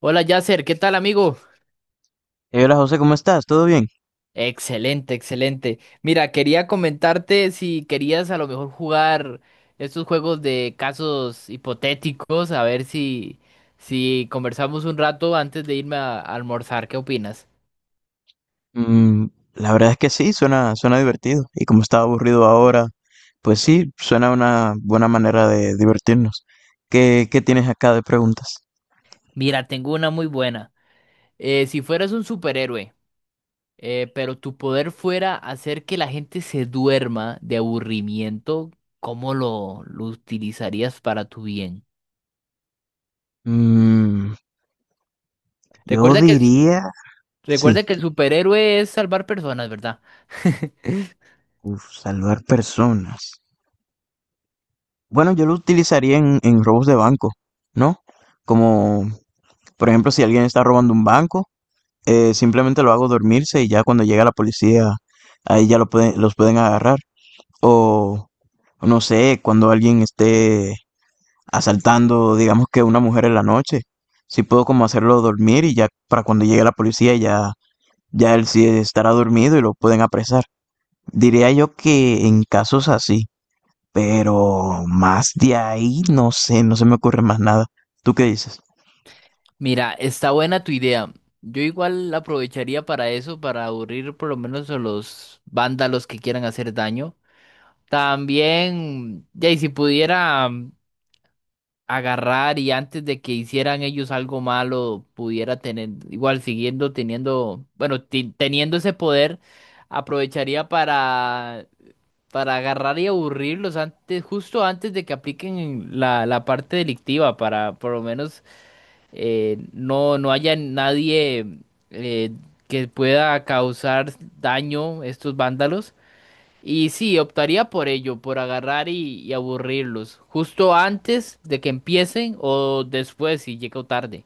Hola Yasser, ¿qué tal amigo? Hola José, ¿cómo estás? ¿Todo bien? Excelente, excelente. Mira, quería comentarte si querías a lo mejor jugar estos juegos de casos hipotéticos, a ver si conversamos un rato antes de irme a almorzar, ¿qué opinas? Mm, la verdad es que sí, suena divertido. Y como estaba aburrido ahora, pues sí, suena una buena manera de divertirnos. ¿Qué tienes acá de preguntas? Mira, tengo una muy buena. Si fueras un superhéroe, pero tu poder fuera hacer que la gente se duerma de aburrimiento, ¿cómo lo utilizarías para tu bien? Mm, yo Recuerda que... diría, sí, Recuerda que el superhéroe es salvar personas, ¿verdad? uf, salvar personas. Bueno, yo lo utilizaría en robos de banco, ¿no? Como, por ejemplo, si alguien está robando un banco, simplemente lo hago dormirse y ya cuando llega la policía, ahí ya los pueden agarrar. O no sé, cuando alguien esté asaltando, digamos que una mujer en la noche, si puedo como hacerlo dormir y ya para cuando llegue la policía ya, ya él sí estará dormido y lo pueden apresar. Diría yo que en casos así, pero más de ahí no sé, no se me ocurre más nada. ¿Tú qué dices? Mira, está buena tu idea. Yo igual la aprovecharía para eso, para aburrir por lo menos a los vándalos que quieran hacer daño. También, ya, y si pudiera agarrar y antes de que hicieran ellos algo malo, pudiera tener, igual siguiendo teniendo, bueno, teniendo ese poder, aprovecharía para agarrar y aburrirlos antes, justo antes de que apliquen la parte delictiva, para por lo menos no haya nadie eh, que pueda causar daño a estos vándalos. Y sí, optaría por ello, por agarrar y aburrirlos, justo antes de que empiecen o después si llego tarde.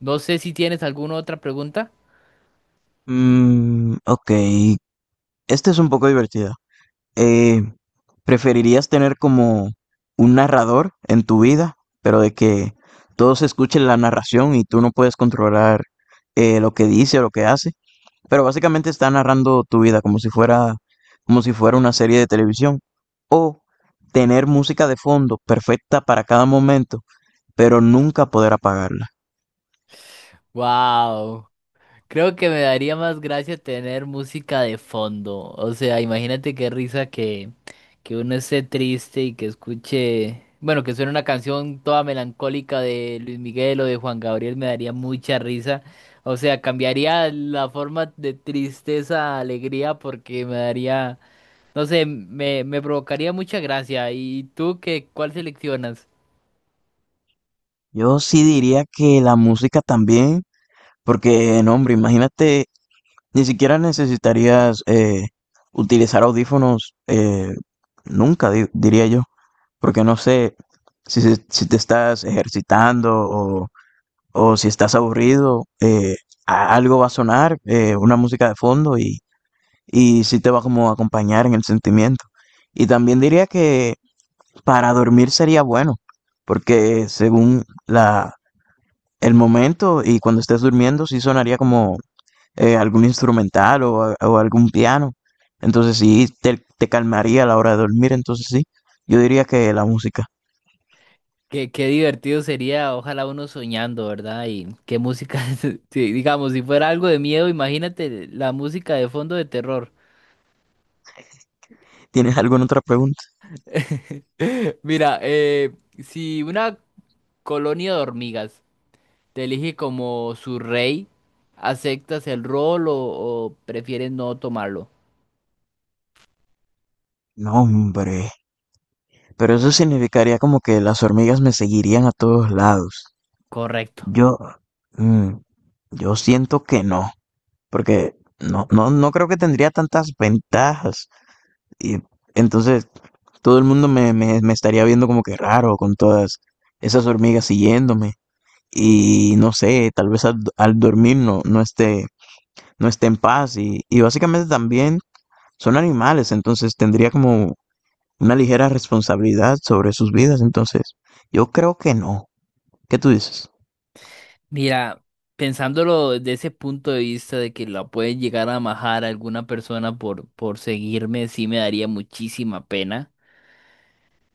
No sé si tienes alguna otra pregunta. Ok, este es un poco divertido. Eh, ¿Preferirías tener como un narrador en tu vida, pero de que todos escuchen la narración y tú no puedes controlar lo que dice o lo que hace? Pero básicamente está narrando tu vida como si fuera una serie de televisión. O tener música de fondo perfecta para cada momento, pero nunca poder apagarla. Wow. Creo que me daría más gracia tener música de fondo. O sea, imagínate qué risa que uno esté triste y que escuche, bueno, que suene una canción toda melancólica de Luis Miguel o de Juan Gabriel, me daría mucha risa. O sea, cambiaría la forma de tristeza a alegría porque me daría, no sé, me provocaría mucha gracia. ¿Y tú qué, cuál seleccionas? Yo sí diría que la música también. Porque, no, hombre, imagínate, ni siquiera necesitarías utilizar audífonos nunca, diría yo. Porque no sé si te estás ejercitando o si estás aburrido, algo va a sonar, una música de fondo y sí te va como a acompañar en el sentimiento. Y también diría que para dormir sería bueno, porque según el momento y cuando estés durmiendo, sí sonaría como algún instrumental o algún piano. Entonces sí, te calmaría a la hora de dormir. Entonces sí, yo diría que la música. Qué, qué divertido sería, ojalá uno soñando, ¿verdad? Y qué música, sí, digamos, si fuera algo de miedo, imagínate la música de fondo de terror. ¿Tienes alguna otra pregunta? Mira, si una colonia de hormigas te elige como su rey, ¿aceptas el rol o prefieres no tomarlo? No, hombre. Pero eso significaría como que las hormigas me seguirían a todos lados. Correcto. Yo, mm, yo siento que no, porque no creo que tendría tantas ventajas. Y entonces todo el mundo me estaría viendo como que raro con todas esas hormigas siguiéndome. Y no sé, tal vez al dormir no esté en paz y básicamente también son animales, entonces tendría como una ligera responsabilidad sobre sus vidas, entonces yo creo que no. ¿Qué tú dices? Mira, pensándolo desde ese punto de vista de que la puede llegar a majar a alguna persona por seguirme, sí me daría muchísima pena.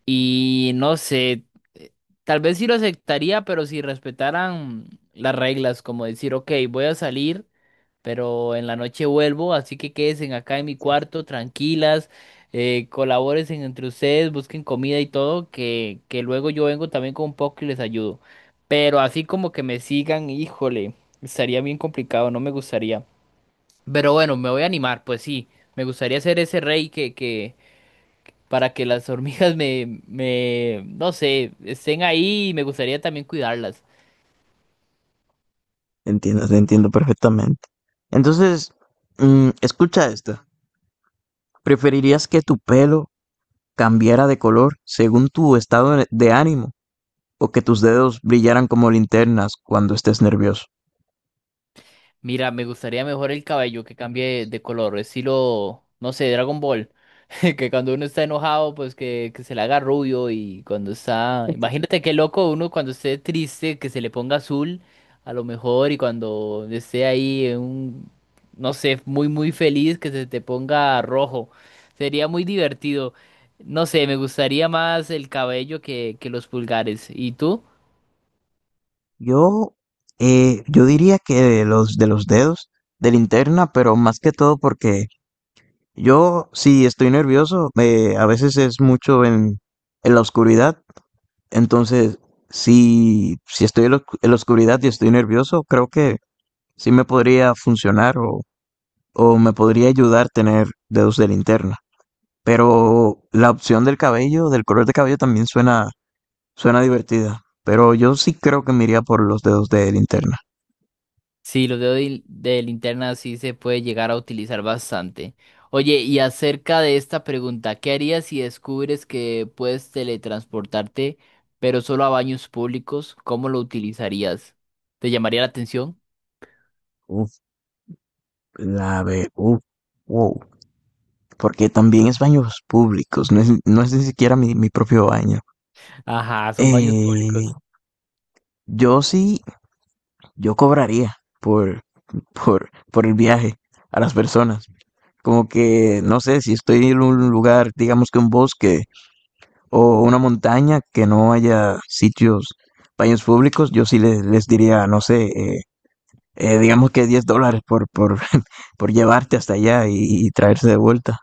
Y no sé, eh, tal vez sí lo aceptaría, pero si respetaran las reglas, como decir, ok, voy a salir, pero en la noche vuelvo, así que quédense acá en mi cuarto, tranquilas, colaboren entre ustedes, busquen comida y todo, que luego yo vengo también con un poco y les ayudo. Pero así como que me sigan, híjole, estaría bien complicado, no me gustaría. Pero bueno, me voy a animar, pues sí, me gustaría ser ese rey que para que las hormigas me, no sé, estén ahí y me gustaría también cuidarlas. Entiendo, te entiendo perfectamente. Entonces, escucha esta. ¿Preferirías que tu pelo cambiara de color según tu estado de ánimo o que tus dedos brillaran como linternas cuando estés nervioso? Mira, me gustaría mejor el cabello que cambie de color, estilo, no sé, Dragon Ball. Que cuando uno está enojado, pues que se le haga rubio y cuando está... Imagínate qué loco uno cuando esté triste, que se le ponga azul, a lo mejor, y cuando esté ahí en un, no sé, muy, muy feliz, que se te ponga rojo. Sería muy divertido. No sé, me gustaría más el cabello que los pulgares. ¿Y tú? Yo, yo diría que de los dedos, de linterna, pero más que todo porque yo, si estoy nervioso, a veces es mucho en la oscuridad. Entonces, si estoy en la en la oscuridad y estoy nervioso, creo que sí me podría funcionar o me podría ayudar tener dedos de linterna. Pero la opción del cabello, del color de cabello también suena divertida. Pero yo sí creo que me iría por los dedos de linterna. Sí, los dedos de linterna sí se puede llegar a utilizar bastante. Oye, y acerca de esta pregunta, ¿qué harías si descubres que puedes teletransportarte, pero solo a baños públicos? ¿Cómo lo utilizarías? ¿Te llamaría la atención? Uf, uf, wow, porque también es baños públicos, no es ni siquiera mi propio baño. Ajá, son baños Eh, públicos. yo sí, yo cobraría por, por el viaje a las personas. Como que, no sé, si estoy en un lugar, digamos que un bosque, o una montaña que no haya sitios, baños públicos, yo sí les diría, no sé, digamos que $10 por llevarte hasta allá y traerse de vuelta.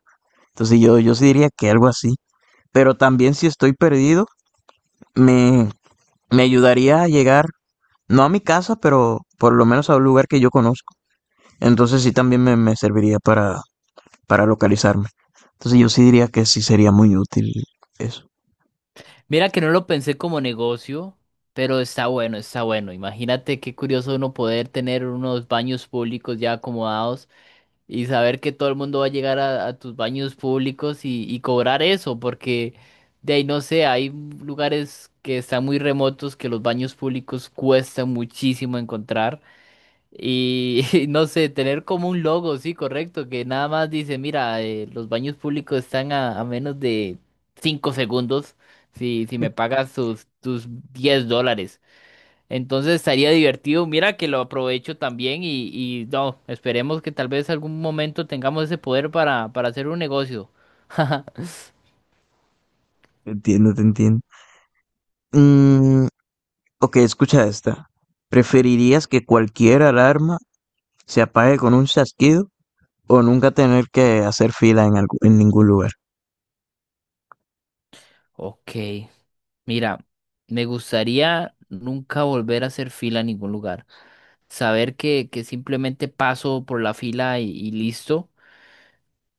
Entonces yo sí diría que algo así. Pero también si estoy perdido, me, me ayudaría a llegar, no a mi casa, pero por lo menos a un lugar que yo conozco. Entonces sí también me serviría para localizarme. Entonces yo sí diría que sí sería muy útil eso. Mira que no lo pensé como negocio, pero está bueno, está bueno. Imagínate qué curioso uno poder tener unos baños públicos ya acomodados. Y saber que todo el mundo va a llegar a tus baños públicos y cobrar eso, porque de ahí no sé, hay lugares que están muy remotos que los baños públicos cuesta muchísimo encontrar. Y, no sé, tener como un logo, sí, correcto, que nada más dice, mira, los baños públicos están a menos de 5 segundos si me pagas tus $10. Entonces estaría divertido. Mira que lo aprovecho también y no, esperemos que tal vez algún momento tengamos ese poder para hacer un negocio. Entiendo, te entiendo. Mm, ok, escucha esta. ¿Preferirías que cualquier alarma se apague con un chasquido o nunca tener que hacer fila en ningún lugar? Ok, mira, me gustaría nunca volver a hacer fila en ningún lugar. Saber que simplemente paso por la fila y listo.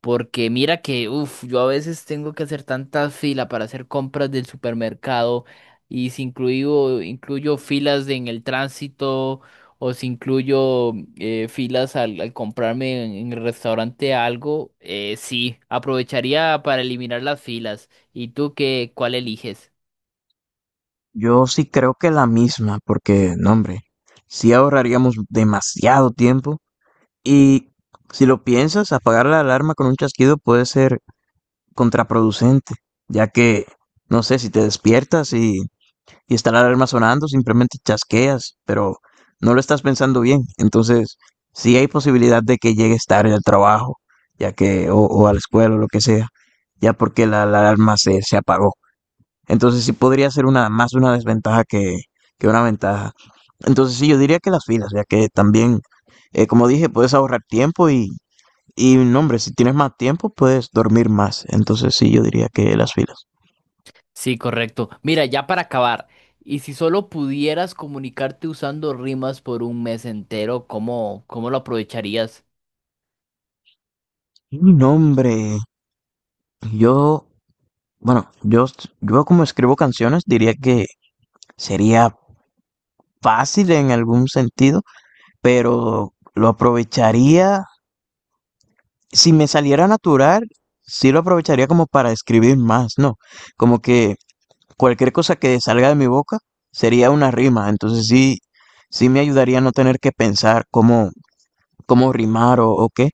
Porque mira que, uff, yo a veces tengo que hacer tantas filas para hacer compras del supermercado y si incluyo filas en el tránsito o si incluyo filas al comprarme en el restaurante algo, sí, aprovecharía para eliminar las filas. ¿Y tú qué, cuál eliges? Yo sí creo que la misma, porque, no, hombre, sí ahorraríamos demasiado tiempo y si lo piensas, apagar la alarma con un chasquido puede ser contraproducente, ya que, no sé, si te despiertas y está la alarma sonando, simplemente chasqueas, pero no lo estás pensando bien. Entonces, sí hay posibilidad de que llegues tarde al trabajo, ya que, o a la escuela o lo que sea, ya porque la alarma se apagó. Entonces, sí podría ser más una desventaja que una ventaja. Entonces, sí, yo diría que las filas, ya que también, como dije, puedes ahorrar tiempo y no, hombre, si tienes más tiempo, puedes dormir más. Entonces sí, yo diría que las filas. Sí, correcto. Mira, ya para acabar, y si solo pudieras comunicarte usando rimas por un mes entero, ¿cómo lo aprovecharías? Y no, hombre, yo, bueno, yo como escribo canciones, diría que sería fácil en algún sentido, pero lo aprovecharía, si me saliera natural, sí lo aprovecharía como para escribir más, ¿no? Como que cualquier cosa que salga de mi boca sería una rima, entonces sí, sí me ayudaría a no tener que pensar cómo rimar o qué.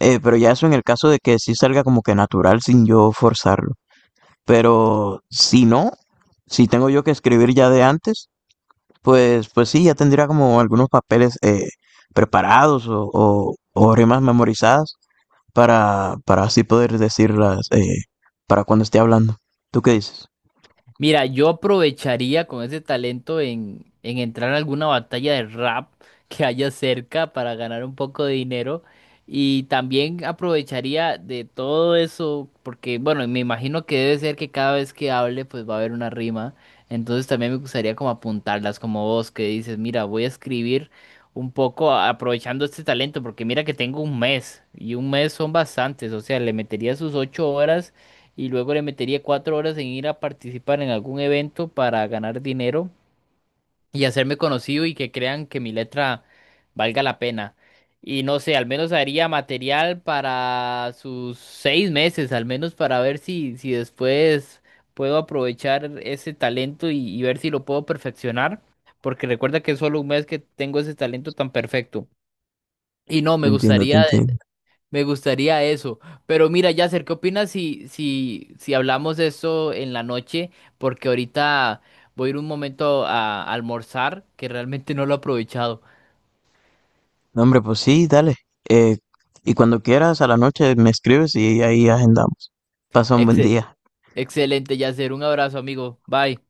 Pero ya eso en el caso de que sí salga como que natural sin yo forzarlo. Pero si no, si tengo yo que escribir ya de antes, pues sí, ya tendría como algunos papeles preparados o rimas memorizadas para así poder decirlas para cuando esté hablando. ¿Tú qué dices? Mira, yo aprovecharía con ese talento en entrar a alguna batalla de rap que haya cerca para ganar un poco de dinero. Y también aprovecharía de todo eso, porque bueno, me imagino que debe ser que cada vez que hable pues va a haber una rima. Entonces también me gustaría como apuntarlas, como vos que dices, mira, voy a escribir un poco aprovechando este talento, porque mira que tengo un mes y un mes son bastantes, o sea, le metería sus 8 horas y luego le metería 4 horas en ir a participar en algún evento para ganar dinero y hacerme conocido y que crean que mi letra valga la pena. Y no sé, al menos haría material para sus 6 meses, al menos para ver si después puedo aprovechar ese talento y ver si lo puedo perfeccionar, porque recuerda que es solo un mes que tengo ese talento tan perfecto. Y no, Te entiendo, te entiendo. me gustaría eso. Pero mira, Yasser, ¿qué opinas si, si hablamos de eso en la noche? Porque ahorita voy a ir un momento a almorzar, que realmente no lo he aprovechado. No, hombre, pues sí, dale. Eh, y cuando quieras, a la noche me escribes y ahí agendamos. Pasa un buen Exe- día. Excelente, Yasser. Un abrazo, amigo. Bye.